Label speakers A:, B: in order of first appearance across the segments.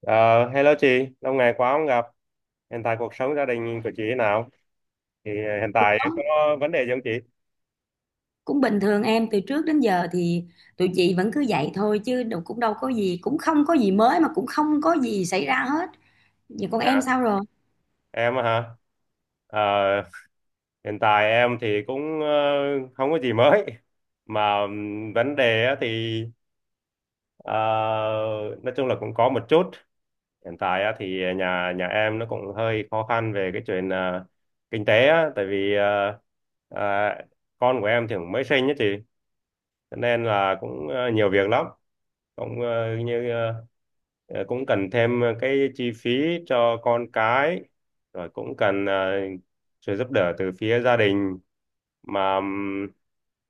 A: Ờ, Hello chị, lâu ngày quá không gặp. Hiện tại cuộc sống gia đình của chị thế nào? Thì hiện
B: Cũng
A: tại có vấn đề gì không chị?
B: cũng bình thường em, từ trước đến giờ thì tụi chị vẫn cứ vậy thôi, chứ đâu, cũng đâu có gì, cũng không có gì mới, mà cũng không có gì xảy ra hết. Vậy còn
A: À,
B: em sao?
A: em á hả? Ờ, Hiện tại em thì cũng không có gì mới. Mà vấn đề á thì ờ, nói chung là cũng có một chút. Hiện tại á thì nhà nhà em nó cũng hơi khó khăn về cái chuyện kinh tế á, tại vì ờ, con của em thì cũng mới sinh á chị, cho nên là cũng nhiều việc lắm, cũng cũng cần thêm cái chi phí cho con cái, rồi cũng cần sự giúp đỡ từ phía gia đình. Mà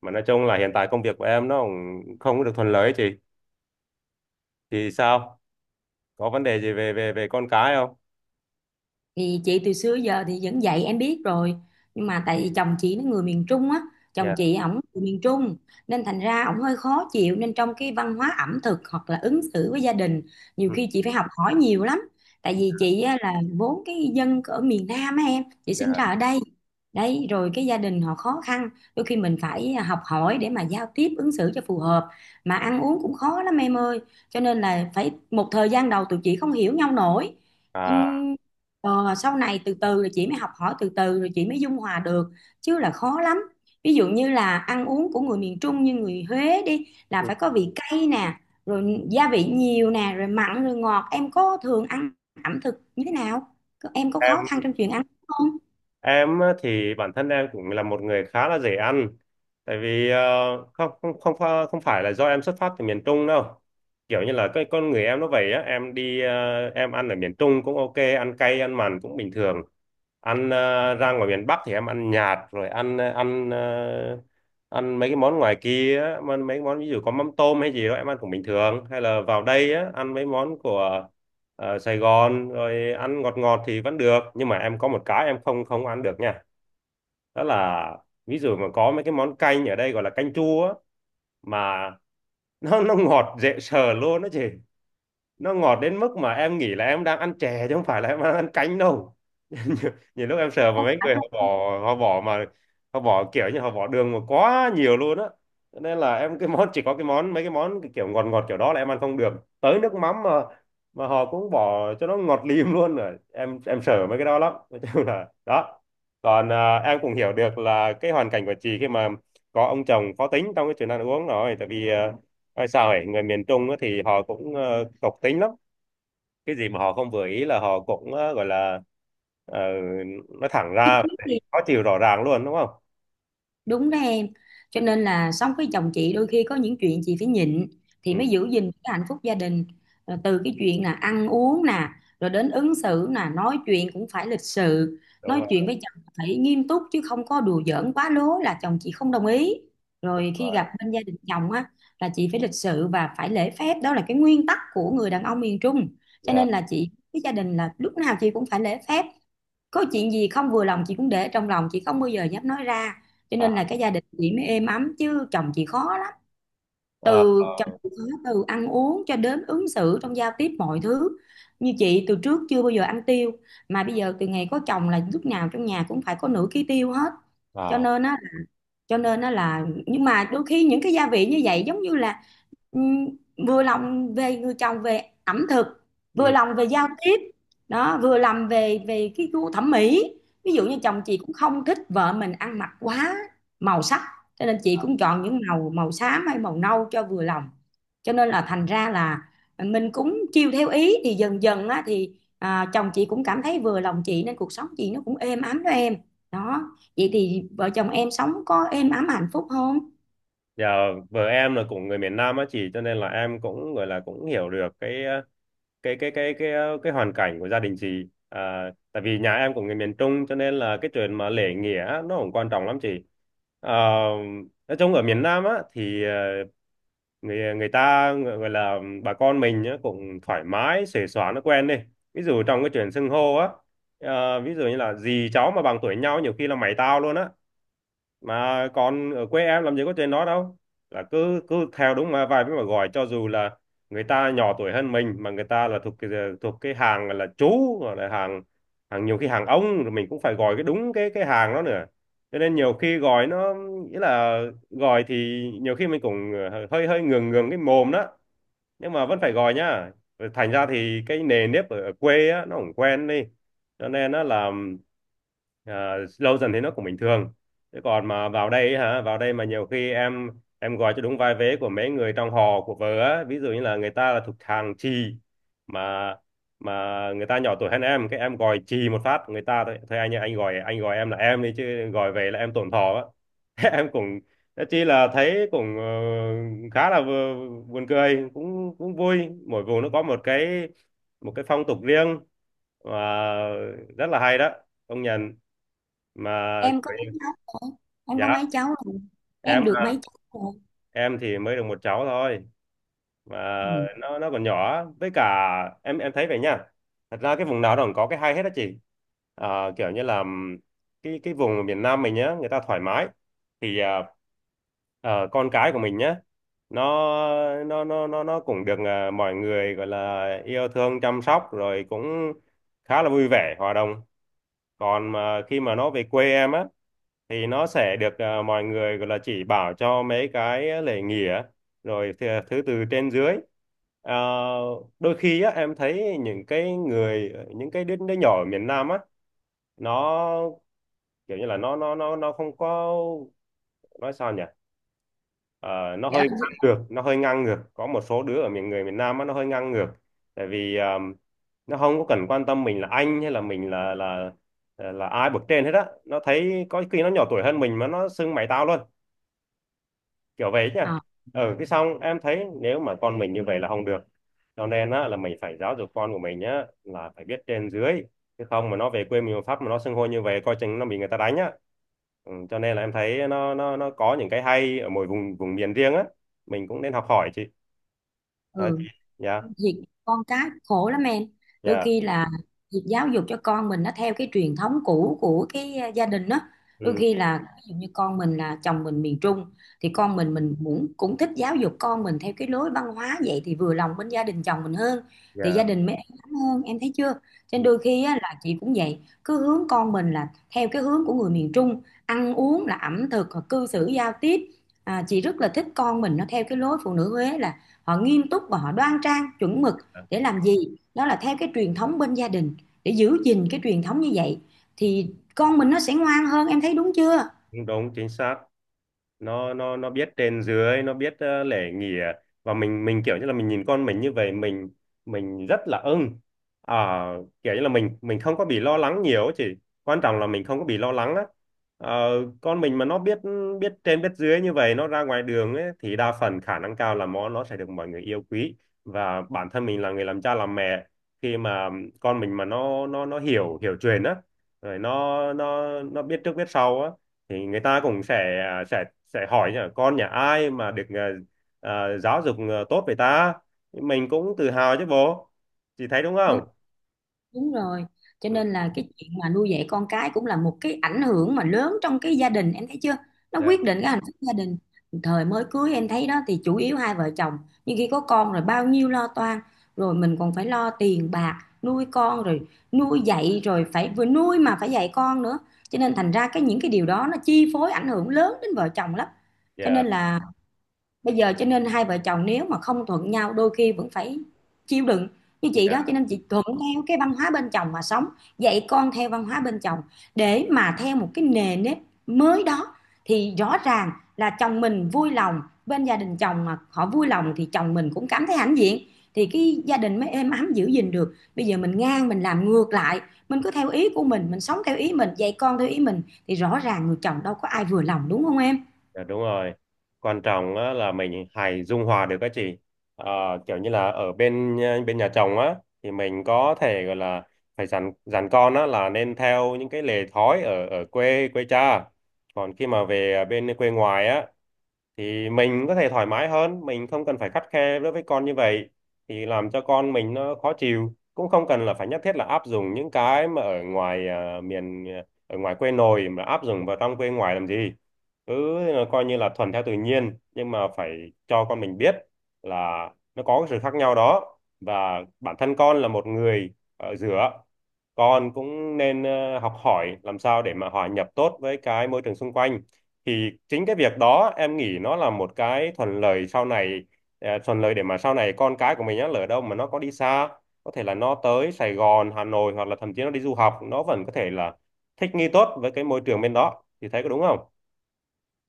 A: mà nói chung là hiện tại công việc của em nó cũng không có được thuận lợi ấy chị. Thì sao, có vấn đề gì về về về con cái không?
B: Thì chị từ xưa giờ thì vẫn dạy em biết rồi, nhưng mà tại vì chồng chị nó người miền Trung á, chồng
A: Dạ.
B: chị ổng người miền Trung, nên thành ra ổng hơi khó chịu, nên trong cái văn hóa ẩm thực hoặc là ứng xử với gia đình, nhiều
A: Ừ,
B: khi chị phải học hỏi nhiều lắm. Tại vì chị á, là vốn cái dân ở miền Nam á em, chị sinh ra
A: dạ.
B: ở đây đấy, rồi cái gia đình họ khó khăn, đôi khi mình phải học hỏi để mà giao tiếp ứng xử cho phù hợp, mà ăn uống cũng khó lắm em ơi. Cho nên là phải một thời gian đầu tụi chị không hiểu nhau nổi.
A: À,
B: Ờ, sau này từ từ rồi chị mới học hỏi, từ từ rồi chị mới dung hòa được, chứ là khó lắm. Ví dụ như là ăn uống của người miền Trung như người Huế đi là
A: ừ.
B: phải có vị cay nè, rồi gia vị nhiều nè, rồi mặn rồi ngọt. Em có thường ăn ẩm thực như thế nào? Em có khó khăn
A: Em
B: trong chuyện ăn không?
A: Em á, thì bản thân em cũng là một người khá là dễ ăn. Tại vì ờ, không không không pha- không phải là do em xuất phát từ miền Trung đâu. Kiểu như là cái con người em nó vậy á, em đi em ăn ở miền Trung cũng ok, ăn cay ăn mặn cũng bình thường. Ăn ra ngoài miền Bắc thì em ăn nhạt, rồi ăn ăn mấy cái món ngoài kia á, mà ăn mấy cái món ví dụ có mắm tôm hay gì đó em ăn cũng bình thường, hay là vào đây á, ăn mấy món của Sài Gòn rồi ăn ngọt ngọt thì vẫn được, nhưng mà em có một cái em không không ăn được nha, đó là ví dụ mà có mấy cái món canh ở đây gọi là canh chua á, mà nó ngọt dễ sợ luôn đó chị, nó ngọt đến mức mà em nghĩ là em đang ăn chè chứ không phải là em đang ăn canh đâu. Nhiều, lúc em sờ vào mấy người họ bỏ, họ bỏ mà họ bỏ kiểu như họ bỏ đường mà quá nhiều luôn á. Cho nên là em cái món, chỉ có cái món mấy cái món cái kiểu ngọt ngọt kiểu đó là em ăn không được, tới nước mắm mà họ cũng bỏ cho nó ngọt lim luôn, rồi em sợ mấy cái đó lắm, nói chung là đó. Còn à, em cũng hiểu được là cái hoàn cảnh của chị khi mà có ông chồng khó tính trong cái chuyện ăn uống, rồi tại vì à, nói sao ấy, người miền Trung á thì họ cũng cộc tính lắm, cái gì mà họ không vừa ý là họ cũng gọi là ờ, nói thẳng ra, khó chịu rõ ràng luôn đúng không?
B: Đúng đó em. Cho nên là sống với chồng chị đôi khi có những chuyện chị phải nhịn thì
A: Ừ,
B: mới giữ gìn cái hạnh phúc gia đình. Rồi từ cái chuyện là ăn uống nè, rồi đến ứng xử nè, nói chuyện cũng phải lịch sự.
A: đúng
B: Nói
A: rồi.
B: chuyện với chồng phải nghiêm túc, chứ không có đùa giỡn quá lố là chồng chị không đồng ý.
A: Đúng
B: Rồi khi
A: rồi.
B: gặp bên gia đình chồng á, là chị phải lịch sự và phải lễ phép, đó là cái nguyên tắc của người đàn ông miền Trung. Cho
A: Dạ.
B: nên là chị với gia đình là lúc nào chị cũng phải lễ phép. Có chuyện gì không vừa lòng chị cũng để trong lòng, chị không bao giờ dám nói ra, cho nên
A: À,
B: là cái gia đình chị mới êm ấm, chứ chồng chị khó lắm.
A: ờ,
B: Từ chồng
A: ờ,
B: chị khó từ ăn uống cho đến ứng xử trong giao tiếp mọi thứ. Như chị từ trước chưa bao giờ ăn tiêu, mà bây giờ từ ngày có chồng là lúc nào trong nhà cũng phải có nửa ký tiêu hết. Cho
A: à,
B: nên á, cho nên nó là, nhưng mà đôi khi những cái gia vị như vậy giống như là ừm, vừa lòng về người chồng về ẩm thực, vừa
A: ừ.
B: lòng về giao tiếp, đó, vừa lòng về về cái gu thẩm mỹ. Ví dụ như chồng chị cũng không thích vợ mình ăn mặc quá màu sắc, cho nên chị cũng chọn những màu, màu xám hay màu nâu cho vừa lòng. Cho nên là thành ra là mình cũng chiêu theo ý thì dần dần á, thì à, chồng chị cũng cảm thấy vừa lòng chị, nên cuộc sống chị nó cũng êm ấm đó em. Đó. Vậy thì vợ chồng em sống có êm ấm hạnh phúc không?
A: Dạ, vợ em là cũng người miền Nam á chị, cho nên là em cũng gọi là cũng hiểu được cái cái hoàn cảnh của gia đình chị. À, tại vì nhà em cũng người miền Trung, cho nên là cái chuyện mà lễ nghĩa nó cũng quan trọng lắm chị. À, nói chung ở miền Nam á thì người người ta gọi gọi là bà con mình á, cũng thoải mái xuề xóa nó quen đi. Ví dụ trong cái chuyện xưng hô á, ví dụ như là dì cháu mà bằng tuổi nhau nhiều khi là mày tao luôn á, mà còn ở quê em làm gì có chuyện đó đâu, là cứ cứ theo đúng mà vài với mà gọi, cho dù là người ta nhỏ tuổi hơn mình mà người ta là thuộc cái hàng là chú hoặc là hàng hàng nhiều khi hàng ông, rồi mình cũng phải gọi cái đúng cái hàng đó nữa, cho nên nhiều khi gọi nó, nghĩa là gọi thì nhiều khi mình cũng hơi hơi ngượng ngượng cái mồm đó, nhưng mà vẫn phải gọi nhá. Rồi thành ra thì cái nề nếp ở, ở quê á, nó cũng quen đi, cho nên nó là, à, lâu dần thì nó cũng bình thường. Thế còn mà vào đây ấy hả, vào đây mà nhiều khi em gọi cho đúng vai vế của mấy người trong họ của vợ á, ví dụ như là người ta là thuộc hàng chì, mà mà người ta nhỏ tuổi hơn em, cái em gọi chì một phát người ta, thôi thôi anh ơi, anh gọi em là em đi chứ gọi về là em tổn thọ á. Thế em cũng, thế chi là thấy cũng khá là buồn cười, cũng cũng vui, mỗi vùng nó có một cái phong tục riêng, và rất là hay đó, công nhận. Mà
B: Em có mấy cháu rồi? Em có
A: dạ,
B: mấy cháu rồi? Em
A: em
B: được mấy cháu rồi?
A: em thì mới được một cháu thôi, mà
B: Ừ.
A: nó còn nhỏ với cả em thấy vậy nha, thật ra cái vùng nào nó cũng có cái hay hết á chị. À, kiểu như là cái vùng ở miền Nam mình nhá, người ta thoải mái thì à, con cái của mình nhá, nó nó cũng được à, mọi người gọi là yêu thương chăm sóc, rồi cũng khá là vui vẻ hòa đồng. Còn mà khi mà nó về quê em á, thì nó sẽ được à, mọi người gọi là chỉ bảo cho mấy cái lễ nghĩa, rồi thì, thứ từ trên dưới. Ờ, đôi khi á, em thấy những cái người, những cái đứa, đứa nhỏ ở miền Nam á, nó kiểu như là nó không có, nói sao nhỉ. Ờ, nó
B: Dạ.
A: hơi ngang ngược, nó hơi ngang ngược, có một số đứa ở miền người miền Nam á, nó hơi ngang ngược, tại vì à, nó không có cần quan tâm mình là anh hay là mình là là ai bậc trên hết á, nó thấy có khi nó nhỏ tuổi hơn mình mà nó xưng mày tao luôn, kiểu vậy nhá.
B: Ờ,
A: Ừ, cái xong em thấy nếu mà con mình như vậy là không được, cho nên á là mình phải giáo dục con của mình nhá là phải biết trên dưới, chứ không mà nó về quê mình mà Pháp mà nó xưng hô như vậy coi chừng nó bị người ta đánh á. Ừ, cho nên là em thấy nó có những cái hay ở mỗi vùng vùng miền riêng á, mình cũng nên học hỏi chị. Đó.
B: ừ.
A: Dạ.
B: Việc con cái khổ lắm em, đôi
A: Dạ.
B: khi là việc giáo dục cho con mình nó theo cái truyền thống cũ của cái gia đình đó. Đôi
A: Ừ.
B: khi là ví dụ như con mình, là chồng mình miền Trung, thì con mình cũng cũng thích giáo dục con mình theo cái lối văn hóa vậy, thì vừa lòng bên gia đình chồng mình hơn, thì gia
A: Dạ.
B: đình mới êm ấm hơn em thấy chưa. Cho nên
A: Ừ,
B: đôi khi á, là chị cũng vậy, cứ hướng con mình là theo cái hướng của người miền Trung, ăn uống là ẩm thực, cư xử giao tiếp. À, chị rất là thích con mình nó theo cái lối phụ nữ Huế, là họ nghiêm túc và họ đoan trang chuẩn mực
A: dạ.
B: để làm gì, đó là theo cái truyền thống bên gia đình. Để giữ gìn cái truyền thống như vậy thì con mình nó sẽ ngoan hơn, em thấy đúng chưa.
A: Đúng đúng, chính xác, nó biết trên dưới, nó biết lễ nghi à. Và mình kiểu như là mình nhìn con mình như vậy mình rất là ưng. À, kiểu như là mình không có bị lo lắng nhiều ấy chị, quan trọng là mình không có bị lo lắng á. Ờ, con mình mà nó biết, biết trên biết dưới như vậy, nó ra ngoài đường ấy, thì đa phần khả năng cao là nó sẽ được mọi người yêu quý, và bản thân mình là người làm cha làm mẹ, khi mà con mình mà nó hiểu, hiểu chuyện á, rồi nó biết trước biết sau á, thì người ta cũng sẽ à, sẽ hỏi nhỉ, con nhà ai mà được giáo dục tốt vậy ta, mình cũng tự hào chứ bố, chị thấy đúng không?
B: Đúng rồi. Cho nên
A: Ừ.
B: là cái chuyện mà nuôi dạy con cái cũng là một cái ảnh hưởng mà lớn trong cái gia đình, em thấy chưa? Nó
A: Dạ.
B: quyết định cái hạnh phúc gia đình. Thời mới cưới em thấy đó thì chủ yếu hai vợ chồng, nhưng khi có con rồi bao nhiêu lo toan, rồi mình còn phải lo tiền bạc, nuôi con, rồi nuôi dạy, rồi phải vừa nuôi mà phải dạy con nữa. Cho nên thành ra cái những cái điều đó nó chi phối ảnh hưởng lớn đến vợ chồng lắm. Cho
A: Dạ.
B: nên là bây giờ, cho nên hai vợ chồng nếu mà không thuận nhau đôi khi vẫn phải chịu đựng như chị đó. Cho nên chị thuận theo cái văn hóa bên chồng mà sống, dạy con theo văn hóa bên chồng để mà theo một cái nề nếp mới đó, thì rõ ràng là chồng mình vui lòng, bên gia đình chồng mà họ vui lòng thì chồng mình cũng cảm thấy hãnh diện, thì cái gia đình mới êm ấm giữ gìn được. Bây giờ mình ngang, mình làm ngược lại, mình cứ theo ý của mình sống theo ý mình, dạy con theo ý mình, thì rõ ràng người chồng đâu có ai vừa lòng, đúng không em.
A: Dạ đúng rồi. Quan trọng á, là mình hãy dung hòa được các chị. Ờ, kiểu như là ở bên bên nhà chồng á, thì mình có thể gọi là phải dặn dặn con á là nên theo những cái lề thói ở ở quê quê cha. Còn khi mà về bên quê ngoài á, thì mình có thể thoải mái hơn, mình không cần phải khắt khe đối với con như vậy thì làm cho con mình nó khó chịu, cũng không cần là phải nhất thiết là áp dụng những cái mà ở ngoài à, miền ở ngoài quê nội mà áp dụng vào trong quê ngoài làm gì, cứ coi như là thuần theo tự nhiên, nhưng mà phải cho con mình biết là nó có cái sự khác nhau đó, và bản thân con là một người ở giữa, con cũng nên học hỏi làm sao để mà hòa nhập tốt với cái môi trường xung quanh, thì chính cái việc đó em nghĩ nó là một cái thuận lợi sau này. Ờ, thuận lợi để mà sau này con cái của mình á lỡ đâu mà nó có đi xa, có thể là nó tới Sài Gòn, Hà Nội, hoặc là thậm chí nó đi du học, nó vẫn có thể là thích nghi tốt với cái môi trường bên đó, thì thấy có đúng không?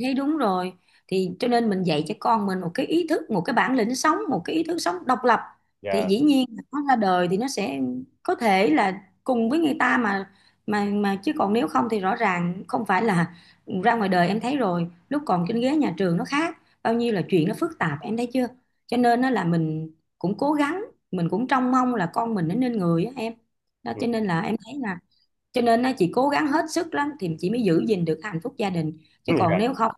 B: Thế đúng rồi. Thì cho nên mình dạy cho con mình một cái ý thức, một cái bản lĩnh sống, một cái ý thức sống độc lập, thì
A: Dạ.
B: dĩ nhiên là nó ra đời thì nó sẽ có thể là cùng với người ta mà, mà chứ còn nếu không thì rõ ràng không phải là ra ngoài đời em thấy, rồi lúc còn trên ghế nhà trường nó khác, bao nhiêu là chuyện nó phức tạp em thấy chưa. Cho nên nó là mình cũng cố gắng, mình cũng trông mong là con mình nó nên người á em. Đó,
A: Ừ.
B: cho nên là em thấy là, cho nên á, chị cố gắng hết sức lắm thì chị mới giữ gìn được hạnh phúc gia đình, chứ còn
A: Dạ.
B: nếu không,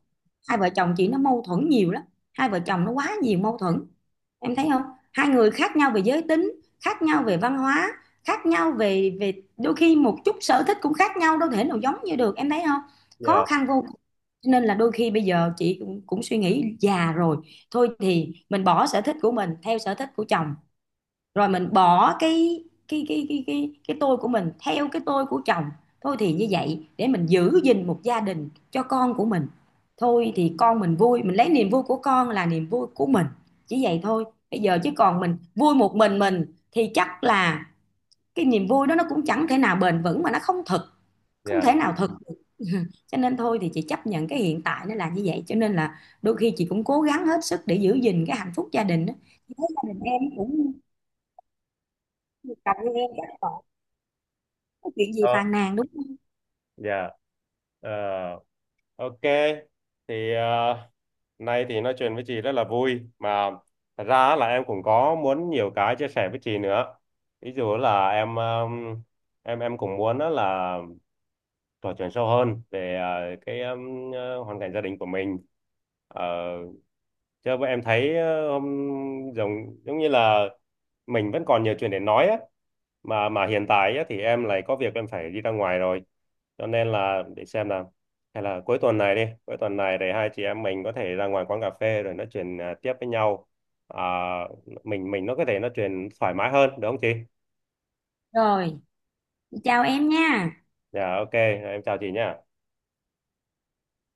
B: hai vợ chồng chị nó mâu thuẫn nhiều lắm. Hai vợ chồng nó quá nhiều mâu thuẫn, em thấy không. Hai người khác nhau về giới tính, khác nhau về văn hóa, khác nhau về về đôi khi một chút sở thích cũng khác nhau, đâu thể nào giống như được em thấy không. Khó
A: Dạ.
B: khăn vô cùng. Cho nên là đôi khi bây giờ chị cũng, cũng suy nghĩ già rồi, thôi thì mình bỏ sở thích của mình theo sở thích của chồng, rồi mình bỏ cái tôi của mình theo cái tôi của chồng. Thôi thì như vậy để mình giữ gìn một gia đình cho con của mình. Thôi thì con mình vui, mình lấy niềm vui của con là niềm vui của mình, chỉ vậy thôi. Bây giờ chứ còn mình vui một mình thì chắc là cái niềm vui đó nó cũng chẳng thể nào bền vững, mà nó không thực, không thể
A: Dạ.
B: nào thực được. Cho nên thôi thì chị chấp nhận cái hiện tại nó là như vậy, cho nên là đôi khi chị cũng cố gắng hết sức để giữ gìn cái hạnh phúc gia đình đó. Gia đình em cũng, cầm như em chắc có chuyện gì
A: Đó.
B: phàn nàn đúng không.
A: Dạ. Ờ, ok, thì nay thì nói chuyện với chị rất là vui, mà thật ra á là em cũng có muốn nhiều cái chia sẻ với chị nữa, ví dụ là em em cũng muốn á là trò chuyện sâu hơn về cái hoàn cảnh gia đình của mình. Ờ, chứ em thấy ờ, hôm giống giống như là mình vẫn còn nhiều chuyện để nói á, mà hiện tại á, thì em lại có việc em phải đi ra ngoài rồi, cho nên là để xem là, hay là cuối tuần này đi, cuối tuần này để hai chị em mình có thể ra ngoài quán cà phê rồi nói chuyện à, tiếp với nhau, à, mình nó có thể nói chuyện thoải mái hơn đúng không chị?
B: Rồi, chào em nha.
A: Dạ ok, em chào chị nhé.